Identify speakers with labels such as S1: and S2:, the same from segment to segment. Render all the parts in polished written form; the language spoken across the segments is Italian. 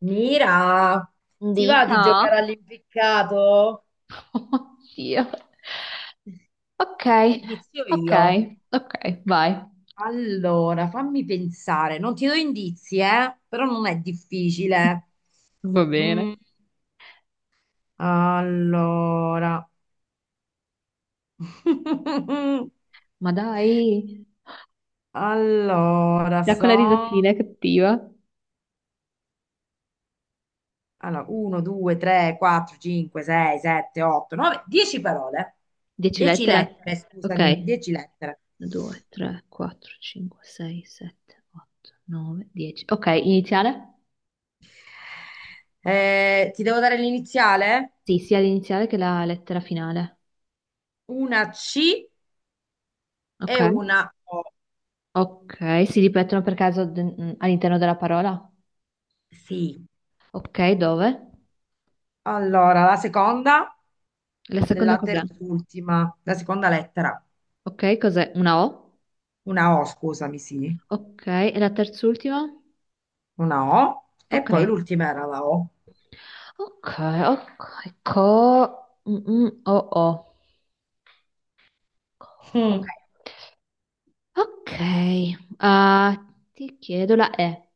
S1: Mira, ti va di
S2: Dica.
S1: giocare all'impiccato?
S2: Oddio. Ok,
S1: Inizio
S2: ok,
S1: io.
S2: ok, vai.
S1: Allora, fammi pensare, non ti do indizi, eh? Però non è difficile.
S2: Va bene.
S1: Mm, allora,
S2: Ma dai,
S1: allora,
S2: da quella risatina è cattiva.
S1: Allora, 1, 2, 3, 4, 5, 6, 7, 8, 9, 10 parole.
S2: Dieci
S1: 10
S2: lettere?
S1: lettere, scusami,
S2: Ok.
S1: 10 lettere.
S2: 2, 3, 4, 5, 6, 7, 8, 9, 10. Ok, iniziale?
S1: Ti devo dare l'iniziale?
S2: Sì, sia l'iniziale che la lettera finale.
S1: Una C
S2: Ok.
S1: e una O.
S2: Ok, si ripetono per caso all'interno della parola?
S1: Sì.
S2: Ok, dove?
S1: Allora, la seconda
S2: La seconda
S1: della
S2: cos'è?
S1: terz'ultima, la seconda lettera,
S2: Ok, cos'è? Una O?
S1: una O, scusami, sì,
S2: Ok, e la terz'ultima?
S1: una O, e
S2: Ok,
S1: poi l'ultima era la O.
S2: Ok, ok, co... mm, mm, oh, oh. Ok,
S1: Mm.
S2: ok. Ah, ti chiedo la E.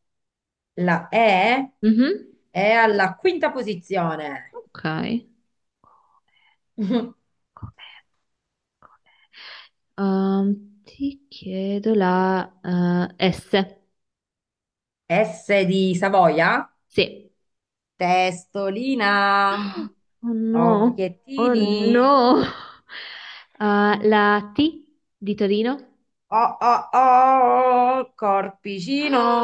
S1: La E
S2: Mhm.
S1: è alla quinta posizione.
S2: Ok. Ti chiedo la S.
S1: S di Savoia,
S2: Sì.
S1: testolina,
S2: Oh no, oh
S1: occhiettini,
S2: no. Ah, la T di Torino?
S1: oh oh oh, corpicino,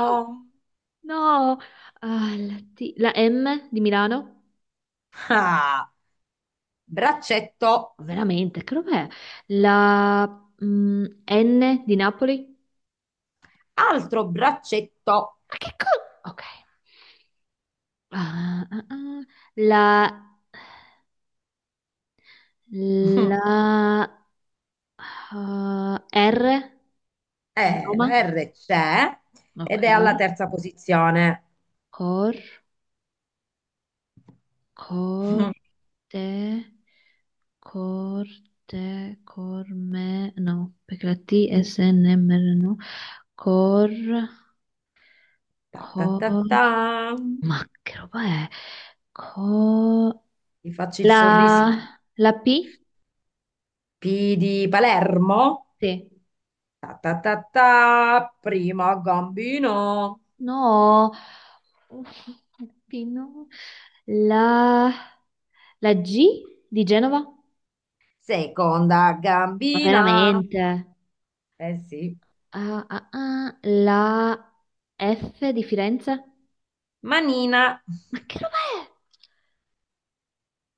S2: No, ah, la M di Milano?
S1: ah, braccetto.
S2: Veramente, che roba è? La N di Napoli?
S1: Altro braccetto.
S2: Ma che cosa? Ok. Ah, ah, ah. La, la, R di Roma?
S1: La R c'è
S2: Ok.
S1: ed è alla terza posizione.
S2: Cor, corte, corte, corme, no, perché la T è SNMR, no? Cor,
S1: Ta ta
S2: cor,
S1: ta ta.
S2: ma che roba è? Co-
S1: Ti faccio il sorrisino.
S2: la P?
S1: P di Palermo.
S2: Sì.
S1: Ta ta ta ta. Prima gambino.
S2: No, P no. La, la G di Genova?
S1: Seconda
S2: Ma
S1: gambina.
S2: veramente?
S1: Eh sì.
S2: Ah, ah, ah, la F di Firenze?
S1: Manina.
S2: Ma che roba è?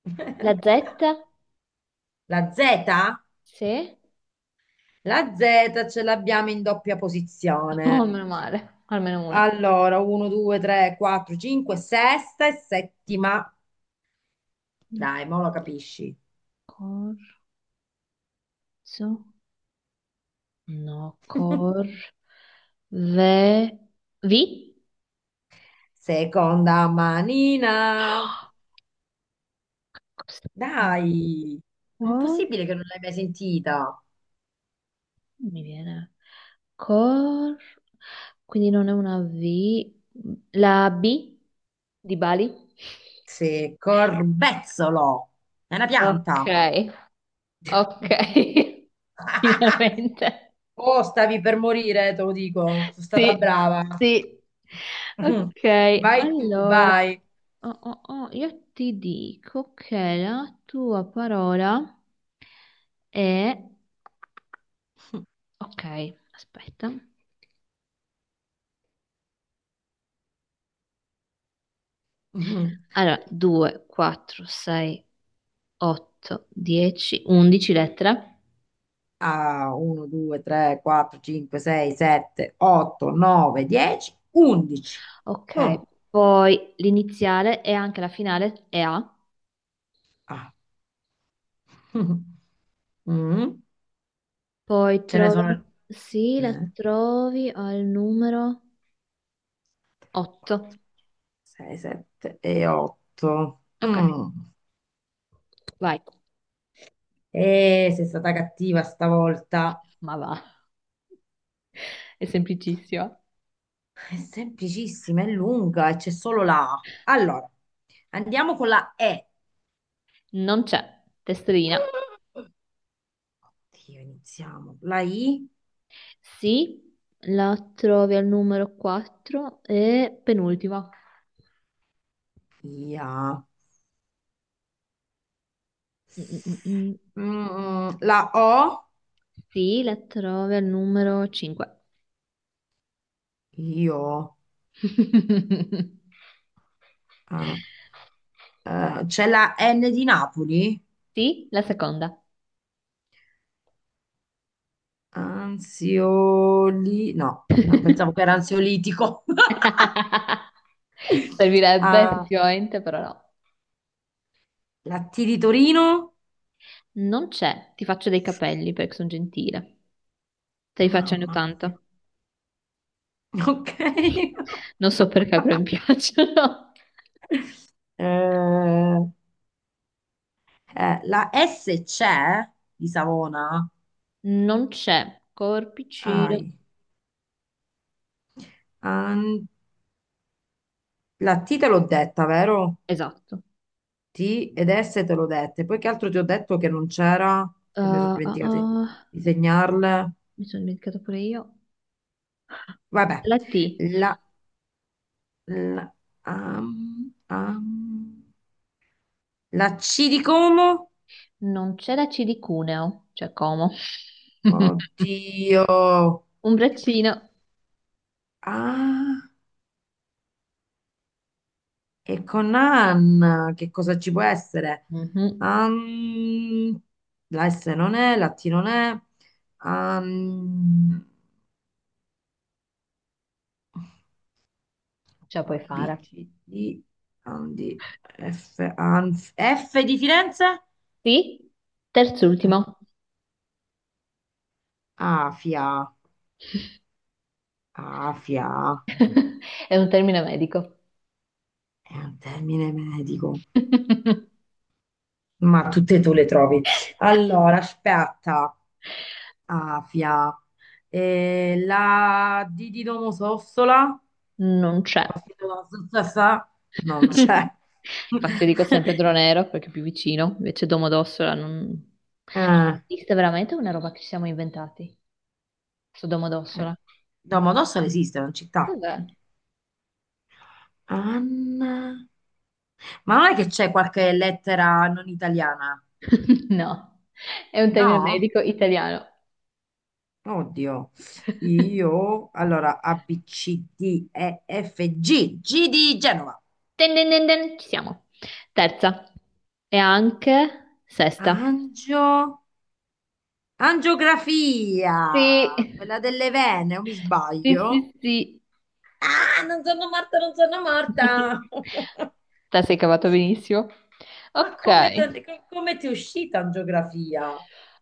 S2: La Z?
S1: La Z?
S2: Sì?
S1: La Z ce l'abbiamo in doppia
S2: Oh,
S1: posizione.
S2: meno male, almeno una.
S1: Allora, 1, 2, 3, 4, 5, sesta e settima. Dai, mo lo capisci.
S2: Corso? No, Ve... Vi?
S1: Seconda manina.
S2: Cos'è?
S1: Dai,
S2: Cor...
S1: impossibile che non l'hai mai sentita.
S2: Non mi viene. Cor... Quindi non è una V. La B di Bali?
S1: Sì, corbezzolo. È una
S2: Ok,
S1: pianta.
S2: ok. Finalmente.
S1: Oh, stavi per morire, te lo dico. Sono stata
S2: Sì,
S1: brava.
S2: sì. Ok,
S1: Vai tu,
S2: allora,
S1: vai.
S2: oh, oh, oh, io ti dico che la tua parola è. Ok, aspetta. Allora, 2, 4, 6, 8, 10, 11 lettere.
S1: A 1, 2, 3, 4, 5, 6, 7, 8, 9, 10, 11.
S2: Ok,
S1: Oh,
S2: poi l'iniziale e anche la finale è A.
S1: ah. Mm,
S2: Poi
S1: Ce ne
S2: trovo,
S1: sono
S2: sì, la
S1: 4,
S2: trovi al numero 8.
S1: 6, 7 e 8.
S2: Ok, vai.
S1: E sei stata cattiva stavolta.
S2: Ma va, è semplicissima.
S1: È semplicissima, è lunga e c'è solo la A. Allora, andiamo con la E.
S2: Non c'è, testina.
S1: Dio, iniziamo. La I,
S2: Sì, la trovi al numero 4 e penultima.
S1: IA.
S2: Mm, mm, mm.
S1: La O,
S2: Sì, la trovi al numero 5.
S1: io, ah, c'è la N di Napoli?
S2: Sì, la seconda.
S1: Ansioli, no, no, pensavo che era ansiolitico.
S2: Servirebbe
S1: Ah,
S2: effettivamente, però no.
S1: la T di Torino?
S2: Non c'è, ti faccio dei capelli perché sono gentile. Te li faccio anni
S1: Mamma
S2: 80.
S1: mia, ok.
S2: Non so perché, però mi piacciono.
S1: Eh, la S c'è di Savona?
S2: Non c'è, corpicino.
S1: Ai, an- La T te l'ho detta, vero?
S2: Esatto.
S1: T ed S te l'ho dette. Poi che altro ti ho detto che non c'era? Che mi sono
S2: Uh, uh,
S1: dimenticata di
S2: uh,
S1: di segnarle.
S2: mi sono dimenticato pure io.
S1: Vabbè,
S2: La T.
S1: la, la, am- am- la C di Como?
S2: Non c'è la C di Cuneo, cioè Como.
S1: Oddio.
S2: Un braccino.
S1: Ah, e con Anna, che cosa ci può essere?
S2: Mhm,
S1: Am- la S non è, la T non è. Am-
S2: ce la
S1: A,
S2: puoi
S1: B,
S2: fare.
S1: C, D, Andi, F, Anf, F di Firenze?
S2: Sì?
S1: Eh,
S2: Terz'ultimo.
S1: Afia, Afia,
S2: È un termine medico.
S1: è un termine medico, ma tutte tu le trovi. Allora, aspetta, Afia. La
S2: Non c'è.
S1: D di Domodossola non
S2: No.
S1: c'è.
S2: Infatti io dico sempre Dronero perché è più vicino, invece Domodossola non. Ma
S1: Eh,
S2: esiste veramente una roba che ci siamo inventati? Su
S1: eh,
S2: Domodossola?
S1: Domodossola esiste, è una città.
S2: Cos'è?
S1: Anna... Ma non è che c'è qualche lettera non italiana?
S2: No, è un termine
S1: No?
S2: medico italiano.
S1: Oddio, io allora A, B, C, D, E, F, G, G di Genova,
S2: Ten, ten, ten, ten, ci siamo. Terza. E anche sesta.
S1: angio,
S2: Sì,
S1: angiografia, quella delle vene, o mi
S2: sì,
S1: sbaglio?
S2: sì, sì.
S1: Ah, non sono morta, non sono morta!
S2: Te sei cavato benissimo.
S1: Ma come,
S2: Ok.
S1: come ti è uscita in geografia?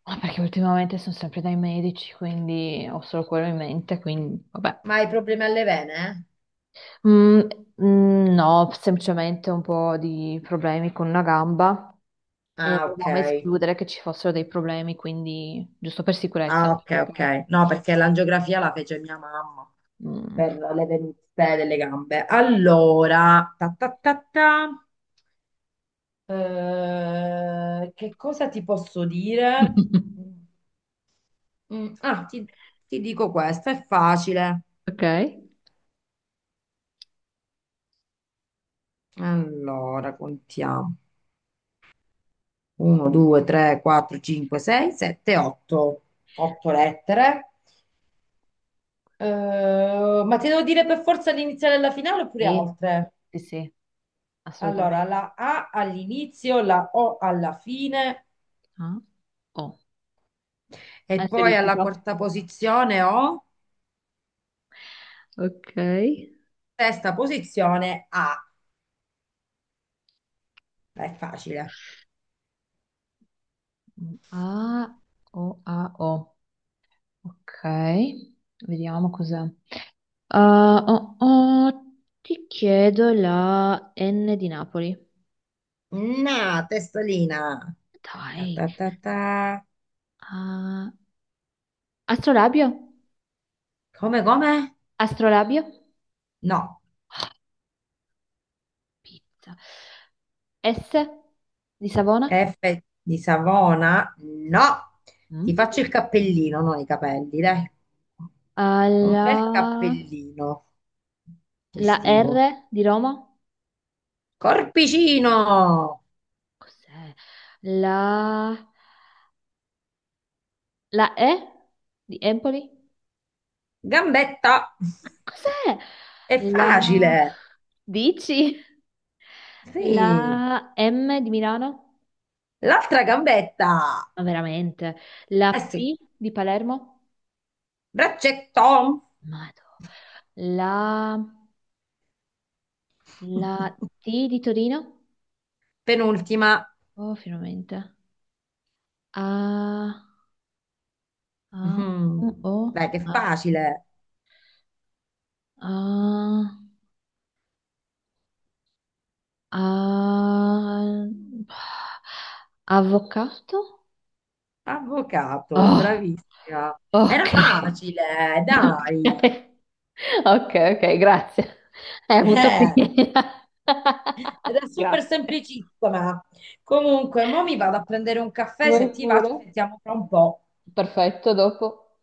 S2: Ah, perché ultimamente sono sempre dai medici, quindi ho solo quello in mente, quindi vabbè.
S1: Ma hai problemi alle vene?
S2: Mm, mm, no, semplicemente un po' di problemi con una gamba
S1: Eh?
S2: e
S1: Ah, ok.
S2: volevamo escludere che ci fossero dei problemi, quindi giusto per sicurezza,
S1: Ah, ok,
S2: anche
S1: ok.
S2: perché.
S1: No, perché l'angiografia la fece mia mamma.
S2: Mm.
S1: Per le venute delle gambe. Allora, ta ta ta ta, che cosa ti posso dire? Ah, ti dico questo, è facile.
S2: Ok.
S1: Allora, contiamo. 1, 2, 3, 4, 5, 6, 7, 8. 8 lettere. Ma ti devo dire per forza l'iniziale e la finale oppure
S2: Sì,
S1: altre?
S2: sì, sì,
S1: Allora,
S2: assolutamente.
S1: la A all'inizio, la O alla fine.
S2: Ah, oh.
S1: E poi alla
S2: Ansiolitico.
S1: quarta posizione ho
S2: Ok.
S1: sesta posizione A. È facile.
S2: A, O, A, O. Ok, vediamo cos'è. Ah, oh, oh, ti chiedo la N di Napoli.
S1: Na, testolina. Ta,
S2: Dai.
S1: ta, ta, ta.
S2: Ah, astrolabio?
S1: Come, come?
S2: Astrolabio?
S1: No.
S2: Pizza. S di Savona?
S1: F di Savona?
S2: Sì.
S1: No. Ti
S2: Mm.
S1: faccio il cappellino, non i capelli, dai. Un bel
S2: Alla...
S1: cappellino
S2: La
S1: estivo.
S2: R di Roma?
S1: Corpicino.
S2: Cos'è? La... La E di Empoli?
S1: Gambetta.
S2: Cos'è?
S1: È
S2: La...
S1: facile.
S2: Dici?
S1: Sì.
S2: La M di Milano?
S1: L'altra gambetta.
S2: Ma veramente. La
S1: Eh sì.
S2: P di Palermo?
S1: Braccetto!
S2: Madò. La, la T di Torino?
S1: Penultima.
S2: Oh, finalmente. A, A,
S1: Mhm.
S2: U, O,
S1: Dai, che
S2: A,
S1: facile.
S2: A, A- avvocato?
S1: Avvocato,
S2: Oh,
S1: bravissima.
S2: ok.
S1: Era facile,
S2: Ok,
S1: dai.
S2: ok, ok, grazie. Hai avuto
S1: Eh,
S2: pietà.
S1: Era super
S2: Grazie.
S1: semplicissima. Comunque, mo mi vado a prendere un caffè,
S2: Vuoi
S1: se ti va
S2: pure?
S1: ci sentiamo tra un po'.
S2: Perfetto, dopo.